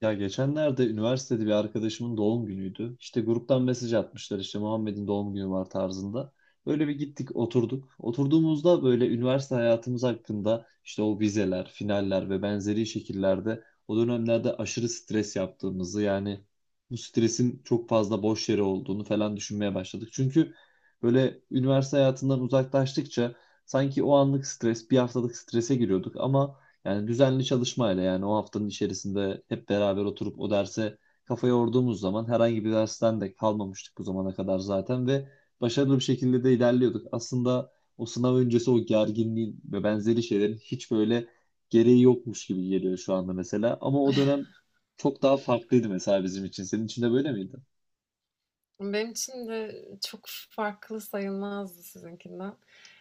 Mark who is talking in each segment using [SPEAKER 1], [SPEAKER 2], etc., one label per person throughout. [SPEAKER 1] Ya, geçenlerde üniversitede bir arkadaşımın doğum günüydü. İşte gruptan mesaj atmışlar, işte Muhammed'in doğum günü var tarzında. Böyle bir gittik, oturduk. Oturduğumuzda böyle üniversite hayatımız hakkında, işte o vizeler, finaller ve benzeri şekillerde o dönemlerde aşırı stres yaptığımızı, yani bu stresin çok fazla boş yere olduğunu falan düşünmeye başladık. Çünkü böyle üniversite hayatından uzaklaştıkça sanki o anlık stres, bir haftalık strese giriyorduk ama yani düzenli çalışmayla, yani o haftanın içerisinde hep beraber oturup o derse kafa yorduğumuz zaman herhangi bir dersten de kalmamıştık bu zamana kadar zaten ve başarılı bir şekilde de ilerliyorduk. Aslında o sınav öncesi o gerginliğin ve benzeri şeylerin hiç böyle gereği yokmuş gibi geliyor şu anda mesela. Ama o dönem çok daha farklıydı mesela bizim için. Senin için de böyle miydi?
[SPEAKER 2] Benim için de çok farklı sayılmazdı sizinkinden.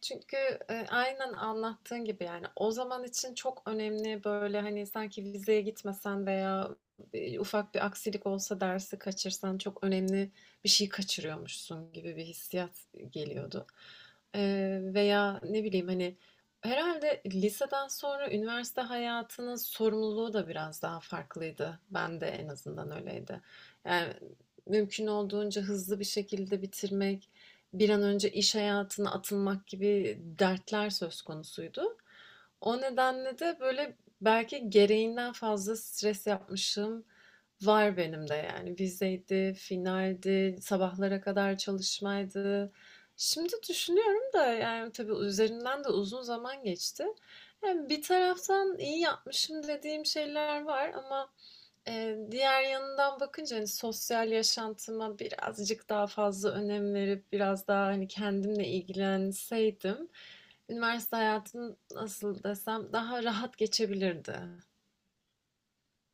[SPEAKER 2] Çünkü, aynen anlattığın gibi, yani, o zaman için çok önemli, böyle, hani, sanki vizeye gitmesen veya, ufak bir aksilik olsa dersi kaçırsan çok önemli bir şey kaçırıyormuşsun gibi bir hissiyat geliyordu. Veya ne bileyim, hani, herhalde liseden sonra üniversite hayatının sorumluluğu da biraz daha farklıydı. Ben de en azından öyleydi. Yani, mümkün olduğunca hızlı bir şekilde bitirmek, bir an önce iş hayatına atılmak gibi dertler söz konusuydu. O nedenle de böyle belki gereğinden fazla stres yapmışım var benim de yani. Vizeydi, finaldi, sabahlara kadar çalışmaydı. Şimdi düşünüyorum da yani tabii üzerinden de uzun zaman geçti. Yani bir taraftan iyi yapmışım dediğim şeyler var ama diğer yanından bakınca, hani, sosyal yaşantıma birazcık daha fazla önem verip biraz daha, hani, kendimle ilgilenseydim üniversite hayatım nasıl desem daha rahat geçebilirdi.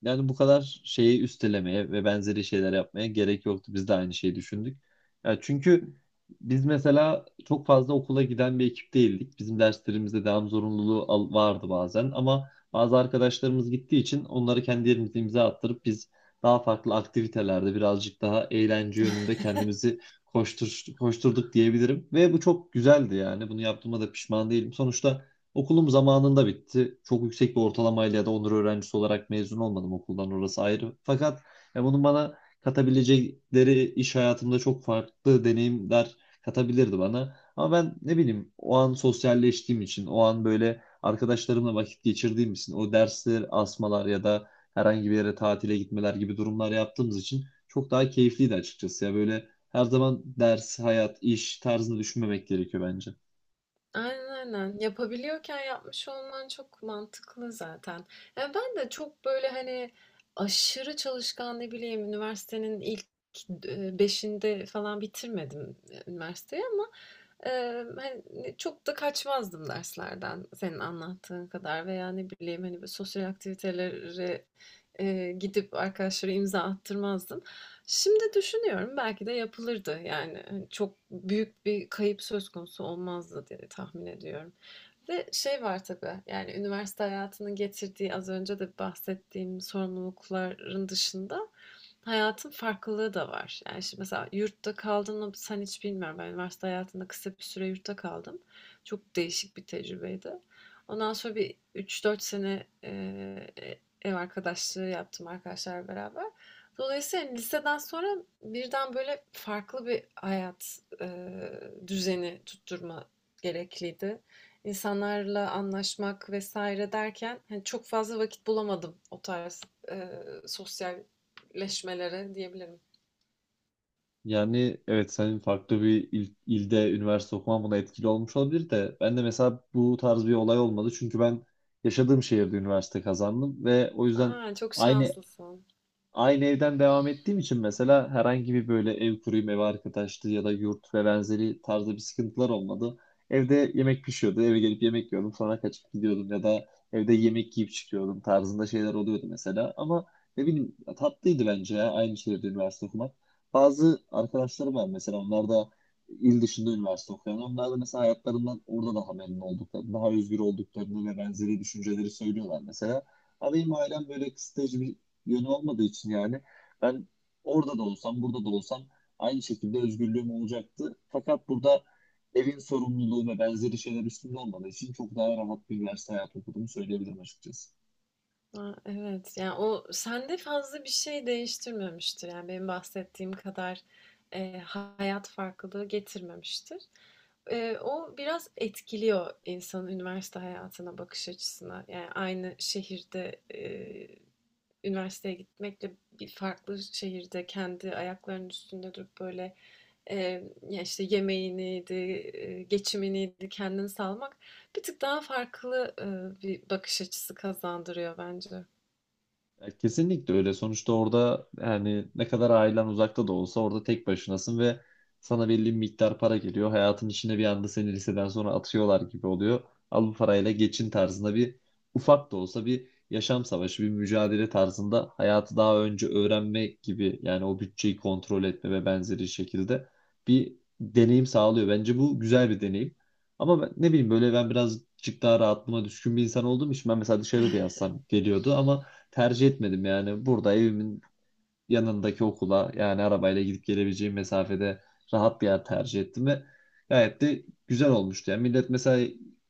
[SPEAKER 1] Yani bu kadar şeyi üstelemeye ve benzeri şeyler yapmaya gerek yoktu. Biz de aynı şeyi düşündük. Ya çünkü biz mesela çok fazla okula giden bir ekip değildik. Bizim derslerimizde devam zorunluluğu vardı bazen, ama bazı arkadaşlarımız gittiği için onları kendi yerimize imza attırıp biz daha farklı aktivitelerde birazcık daha eğlence yönünde kendimizi koşturduk diyebilirim. Ve bu çok güzeldi yani. Bunu yaptığıma da pişman değilim. Sonuçta okulum zamanında bitti. Çok yüksek bir ortalamayla ya da onur öğrencisi olarak mezun olmadım okuldan, orası ayrı. Fakat ya bunun bana katabilecekleri iş hayatımda çok farklı deneyimler katabilirdi bana. Ama ben, ne bileyim, o an sosyalleştiğim için, o an böyle arkadaşlarımla vakit geçirdiğim için, o dersler, asmalar ya da herhangi bir yere tatile gitmeler gibi durumlar yaptığımız için çok daha keyifliydi açıkçası. Ya böyle her zaman ders, hayat, iş tarzını düşünmemek gerekiyor bence.
[SPEAKER 2] Aynen aynen. Yapabiliyorken yapmış olman çok mantıklı zaten. Ya ben de çok böyle hani aşırı çalışkan ne bileyim üniversitenin ilk beşinde falan bitirmedim üniversiteyi ama e, hani çok da kaçmazdım derslerden senin anlattığın kadar veya ne bileyim hani böyle sosyal aktivitelere gidip arkadaşlara imza attırmazdım. Şimdi düşünüyorum belki de yapılırdı. Yani, hani, çok büyük bir kayıp söz konusu olmazdı diye tahmin ediyorum ve şey var tabii, yani üniversite hayatının getirdiği az önce de bahsettiğim sorumlulukların dışında hayatın farklılığı da var. Yani şimdi mesela yurtta kaldığını sen hiç bilmiyorum. Ben üniversite hayatında kısa bir süre yurtta kaldım. Çok değişik bir tecrübeydi. Ondan sonra bir üç dört sene ev arkadaşlığı yaptım arkadaşlar beraber. Dolayısıyla yani liseden sonra birden böyle farklı bir hayat düzeni tutturma gerekliydi. İnsanlarla anlaşmak vesaire derken hani çok fazla vakit bulamadım o tarz e, sosyal leşmelere diyebilirim.
[SPEAKER 1] Yani evet, senin farklı bir ilde üniversite okuman buna etkili olmuş olabilir de ben de mesela bu tarz bir olay olmadı, çünkü ben yaşadığım şehirde üniversite kazandım ve o yüzden
[SPEAKER 2] Aa, çok
[SPEAKER 1] aynı
[SPEAKER 2] şanslısın.
[SPEAKER 1] aynı evden devam ettiğim için mesela herhangi bir böyle ev kuruyum, ev arkadaşlığı ya da yurt ve benzeri tarzda bir sıkıntılar olmadı. Evde yemek pişiyordu, eve gelip yemek yiyordum, sonra kaçıp gidiyordum ya da evde yemek yiyip çıkıyordum tarzında şeyler oluyordu mesela. Ama ne bileyim, tatlıydı bence ya aynı şehirde üniversite okumak. Bazı arkadaşlarım var mesela, onlar da il dışında üniversite okuyan. Onlar da mesela hayatlarından orada daha memnun olduklarını, daha özgür olduklarını ve benzeri düşünceleri söylüyorlar mesela. Ama benim ailem böyle kısıtlayıcı bir yönü olmadığı için yani ben orada da olsam, burada da olsam aynı şekilde özgürlüğüm olacaktı. Fakat burada evin sorumluluğu ve benzeri şeyler üstünde olmadığı için çok daha rahat bir üniversite hayatı okuduğumu söyleyebilirim açıkçası.
[SPEAKER 2] Aa, evet. Yani o sende fazla bir şey değiştirmemiştir. Yani benim bahsettiğim kadar hayat farklılığı getirmemiştir. E, o biraz etkiliyor insanın üniversite hayatına bakış açısına. Yani aynı şehirde üniversiteye gitmekle bir farklı şehirde kendi ayaklarının üstünde durup böyle e, ya işte yemeğiniydi, geçiminiydi kendini sağlamak bir tık daha farklı bir bakış açısı kazandırıyor bence.
[SPEAKER 1] Ya kesinlikle öyle. Sonuçta orada, yani ne kadar ailen uzakta da olsa, orada tek başınasın ve sana belli bir miktar para geliyor. Hayatın içine bir anda seni liseden sonra atıyorlar gibi oluyor. Al bu parayla geçin tarzında bir ufak da olsa bir yaşam savaşı, bir mücadele tarzında hayatı daha önce öğrenmek gibi, yani o bütçeyi kontrol etme ve benzeri şekilde bir deneyim sağlıyor. Bence bu güzel bir deneyim. Ama ben, ne bileyim, böyle ben birazcık daha rahatlığıma düşkün bir insan olduğum için ben mesela dışarıda yazsam geliyordu ama tercih etmedim yani. Burada evimin yanındaki okula, yani arabayla gidip gelebileceğim mesafede rahat bir yer tercih ettim ve gayet de güzel olmuştu. Yani millet mesela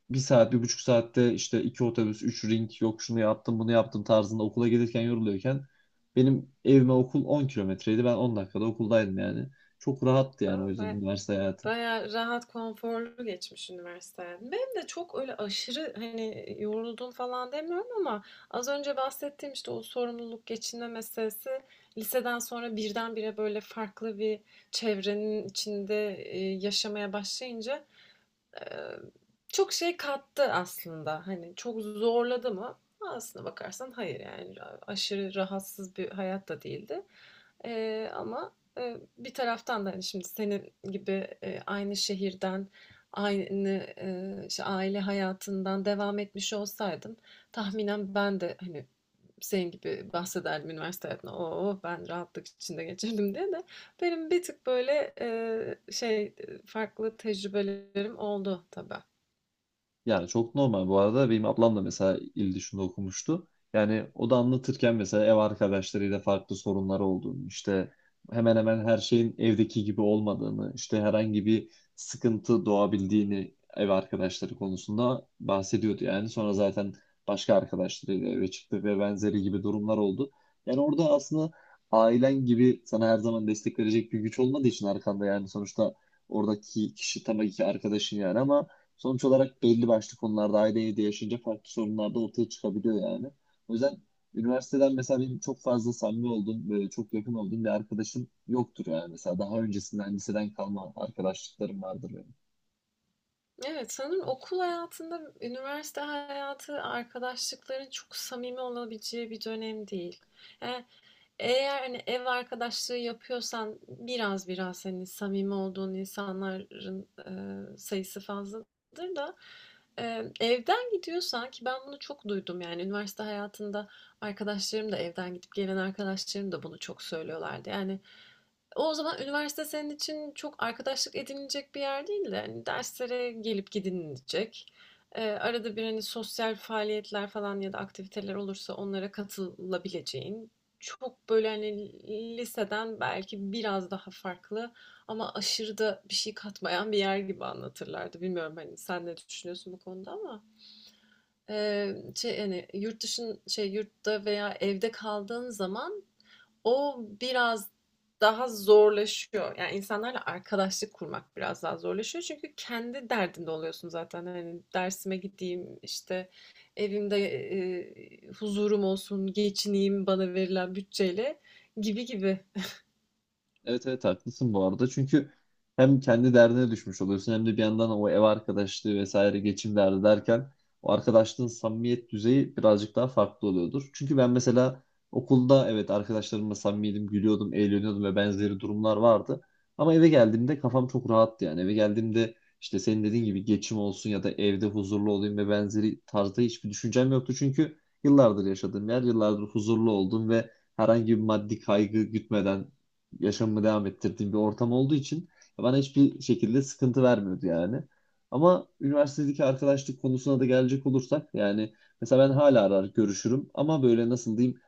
[SPEAKER 1] 1 saat, 1,5 saatte işte iki otobüs, üç ring, yok şunu yaptım bunu yaptım tarzında okula gelirken yoruluyorken benim evime okul 10 kilometreydi. Ben 10 dakikada okuldaydım yani. Çok rahattı yani o
[SPEAKER 2] Aa,
[SPEAKER 1] yüzden
[SPEAKER 2] ve
[SPEAKER 1] üniversite hayatı.
[SPEAKER 2] bayağı rahat, konforlu geçmiş üniversite hayatım. Benim de çok öyle aşırı hani yoruldum falan demiyorum ama az önce bahsettiğim işte o sorumluluk geçinme meselesi liseden sonra birdenbire böyle farklı bir çevrenin içinde yaşamaya başlayınca Eee, çok şey kattı aslında. Hani çok zorladı mı? Aslına bakarsan hayır yani aşırı rahatsız bir hayat da değildi. Ama bir taraftan da hani şimdi senin gibi aynı şehirden, aynı işte aile hayatından devam etmiş olsaydım tahminen ben de hani senin gibi bahsederdim üniversite hayatına. Oo ben rahatlık içinde geçirdim diye de benim bir tık böyle farklı tecrübelerim oldu tabii.
[SPEAKER 1] Yani çok normal bu arada. Benim ablam da mesela il dışında okumuştu. Yani o da anlatırken mesela ev arkadaşlarıyla farklı sorunları olduğunu, işte hemen hemen her şeyin evdeki gibi olmadığını, işte herhangi bir sıkıntı doğabildiğini ev arkadaşları konusunda bahsediyordu. Yani sonra zaten başka arkadaşlarıyla eve çıktı ve benzeri gibi durumlar oldu. Yani orada aslında ailen gibi sana her zaman destek verecek bir güç olmadığı için arkanda, yani sonuçta oradaki kişi tabii ki arkadaşın yani, ama sonuç olarak belli başlı konularda aile evde yaşayınca farklı sorunlar da ortaya çıkabiliyor yani. O yüzden üniversiteden mesela benim çok fazla samimi olduğum, böyle çok yakın olduğum bir arkadaşım yoktur yani. Mesela daha öncesinden liseden kalma arkadaşlıklarım vardır benim.
[SPEAKER 2] Evet sanırım okul hayatında üniversite hayatı arkadaşlıkların çok samimi olabileceği bir dönem değil. Yani eğer hani ev arkadaşlığı yapıyorsan biraz hani samimi olduğun insanların sayısı fazladır da evden gidiyorsan ki ben bunu çok duydum yani üniversite hayatında arkadaşlarım da evden gidip gelen arkadaşlarım da bunu çok söylüyorlardı. Yani o zaman üniversite senin için çok arkadaşlık edinilecek bir yer değil de hani derslere gelip gidinilecek. Arada bir hani sosyal faaliyetler falan ya da aktiviteler olursa onlara katılabileceğin, çok böyle hani liseden belki biraz daha farklı ama aşırı da bir şey katmayan bir yer gibi anlatırlardı. Bilmiyorum hani sen ne düşünüyorsun bu konuda ama e, şey hani yurt dışın şey yurtta veya evde kaldığın zaman o biraz daha zorlaşıyor. Yani insanlarla arkadaşlık kurmak biraz daha zorlaşıyor. Çünkü kendi derdinde oluyorsun zaten. Hani dersime gideyim, işte evimde huzurum olsun, geçineyim bana verilen bütçeyle gibi gibi.
[SPEAKER 1] Evet, evet, haklısın bu arada. Çünkü hem kendi derdine düşmüş oluyorsun hem de bir yandan o ev arkadaşlığı vesaire geçim derdi derken o arkadaşlığın samimiyet düzeyi birazcık daha farklı oluyordur. Çünkü ben mesela okulda evet arkadaşlarımla samimiydim, gülüyordum, eğleniyordum ve benzeri durumlar vardı. Ama eve geldiğimde kafam çok rahattı yani. Eve geldiğimde işte senin dediğin gibi geçim olsun ya da evde huzurlu olayım ve benzeri tarzda hiçbir düşüncem yoktu. Çünkü yıllardır yaşadığım yer, yıllardır huzurlu oldum ve herhangi bir maddi kaygı gütmeden yaşamımı devam ettirdiğim bir ortam olduğu için bana hiçbir şekilde sıkıntı vermiyordu yani. Ama üniversitedeki arkadaşlık konusuna da gelecek olursak yani mesela ben hala arar görüşürüm ama böyle nasıl diyeyim,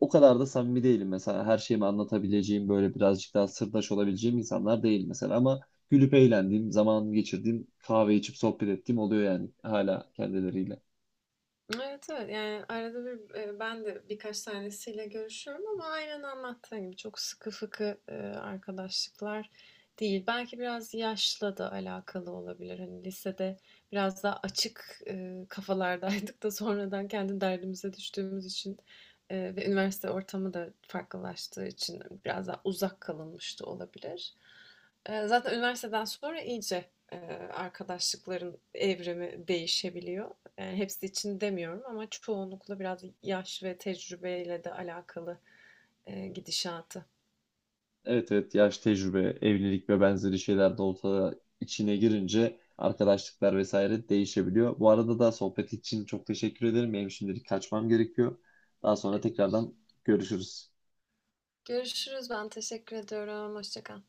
[SPEAKER 1] o kadar da samimi değilim mesela, her şeyimi anlatabileceğim böyle birazcık daha sırdaş olabileceğim insanlar değil mesela, ama gülüp eğlendiğim, zaman geçirdiğim, kahve içip sohbet ettiğim oluyor yani hala kendileriyle.
[SPEAKER 2] Evet evet yani arada bir ben de birkaç tanesiyle görüşüyorum ama aynen anlattığın gibi çok sıkı fıkı arkadaşlıklar değil. Belki biraz yaşla da alakalı olabilir. Hani lisede biraz daha açık kafalardaydık da sonradan kendi derdimize düştüğümüz için ve üniversite ortamı da farklılaştığı için biraz daha uzak kalınmış da olabilir. E, zaten üniversiteden sonra iyice e, arkadaşlıkların evrimi değişebiliyor. Yani hepsi için demiyorum ama çoğunlukla biraz yaş ve tecrübeyle de alakalı, gidişatı.
[SPEAKER 1] Evet, evet, yaş, tecrübe, evlilik ve benzeri şeyler de olsa içine girince arkadaşlıklar vesaire değişebiliyor. Bu arada da sohbet için çok teşekkür ederim. Benim şimdilik kaçmam gerekiyor. Daha sonra tekrardan görüşürüz.
[SPEAKER 2] Görüşürüz. Ben teşekkür ediyorum. Hoşça kal.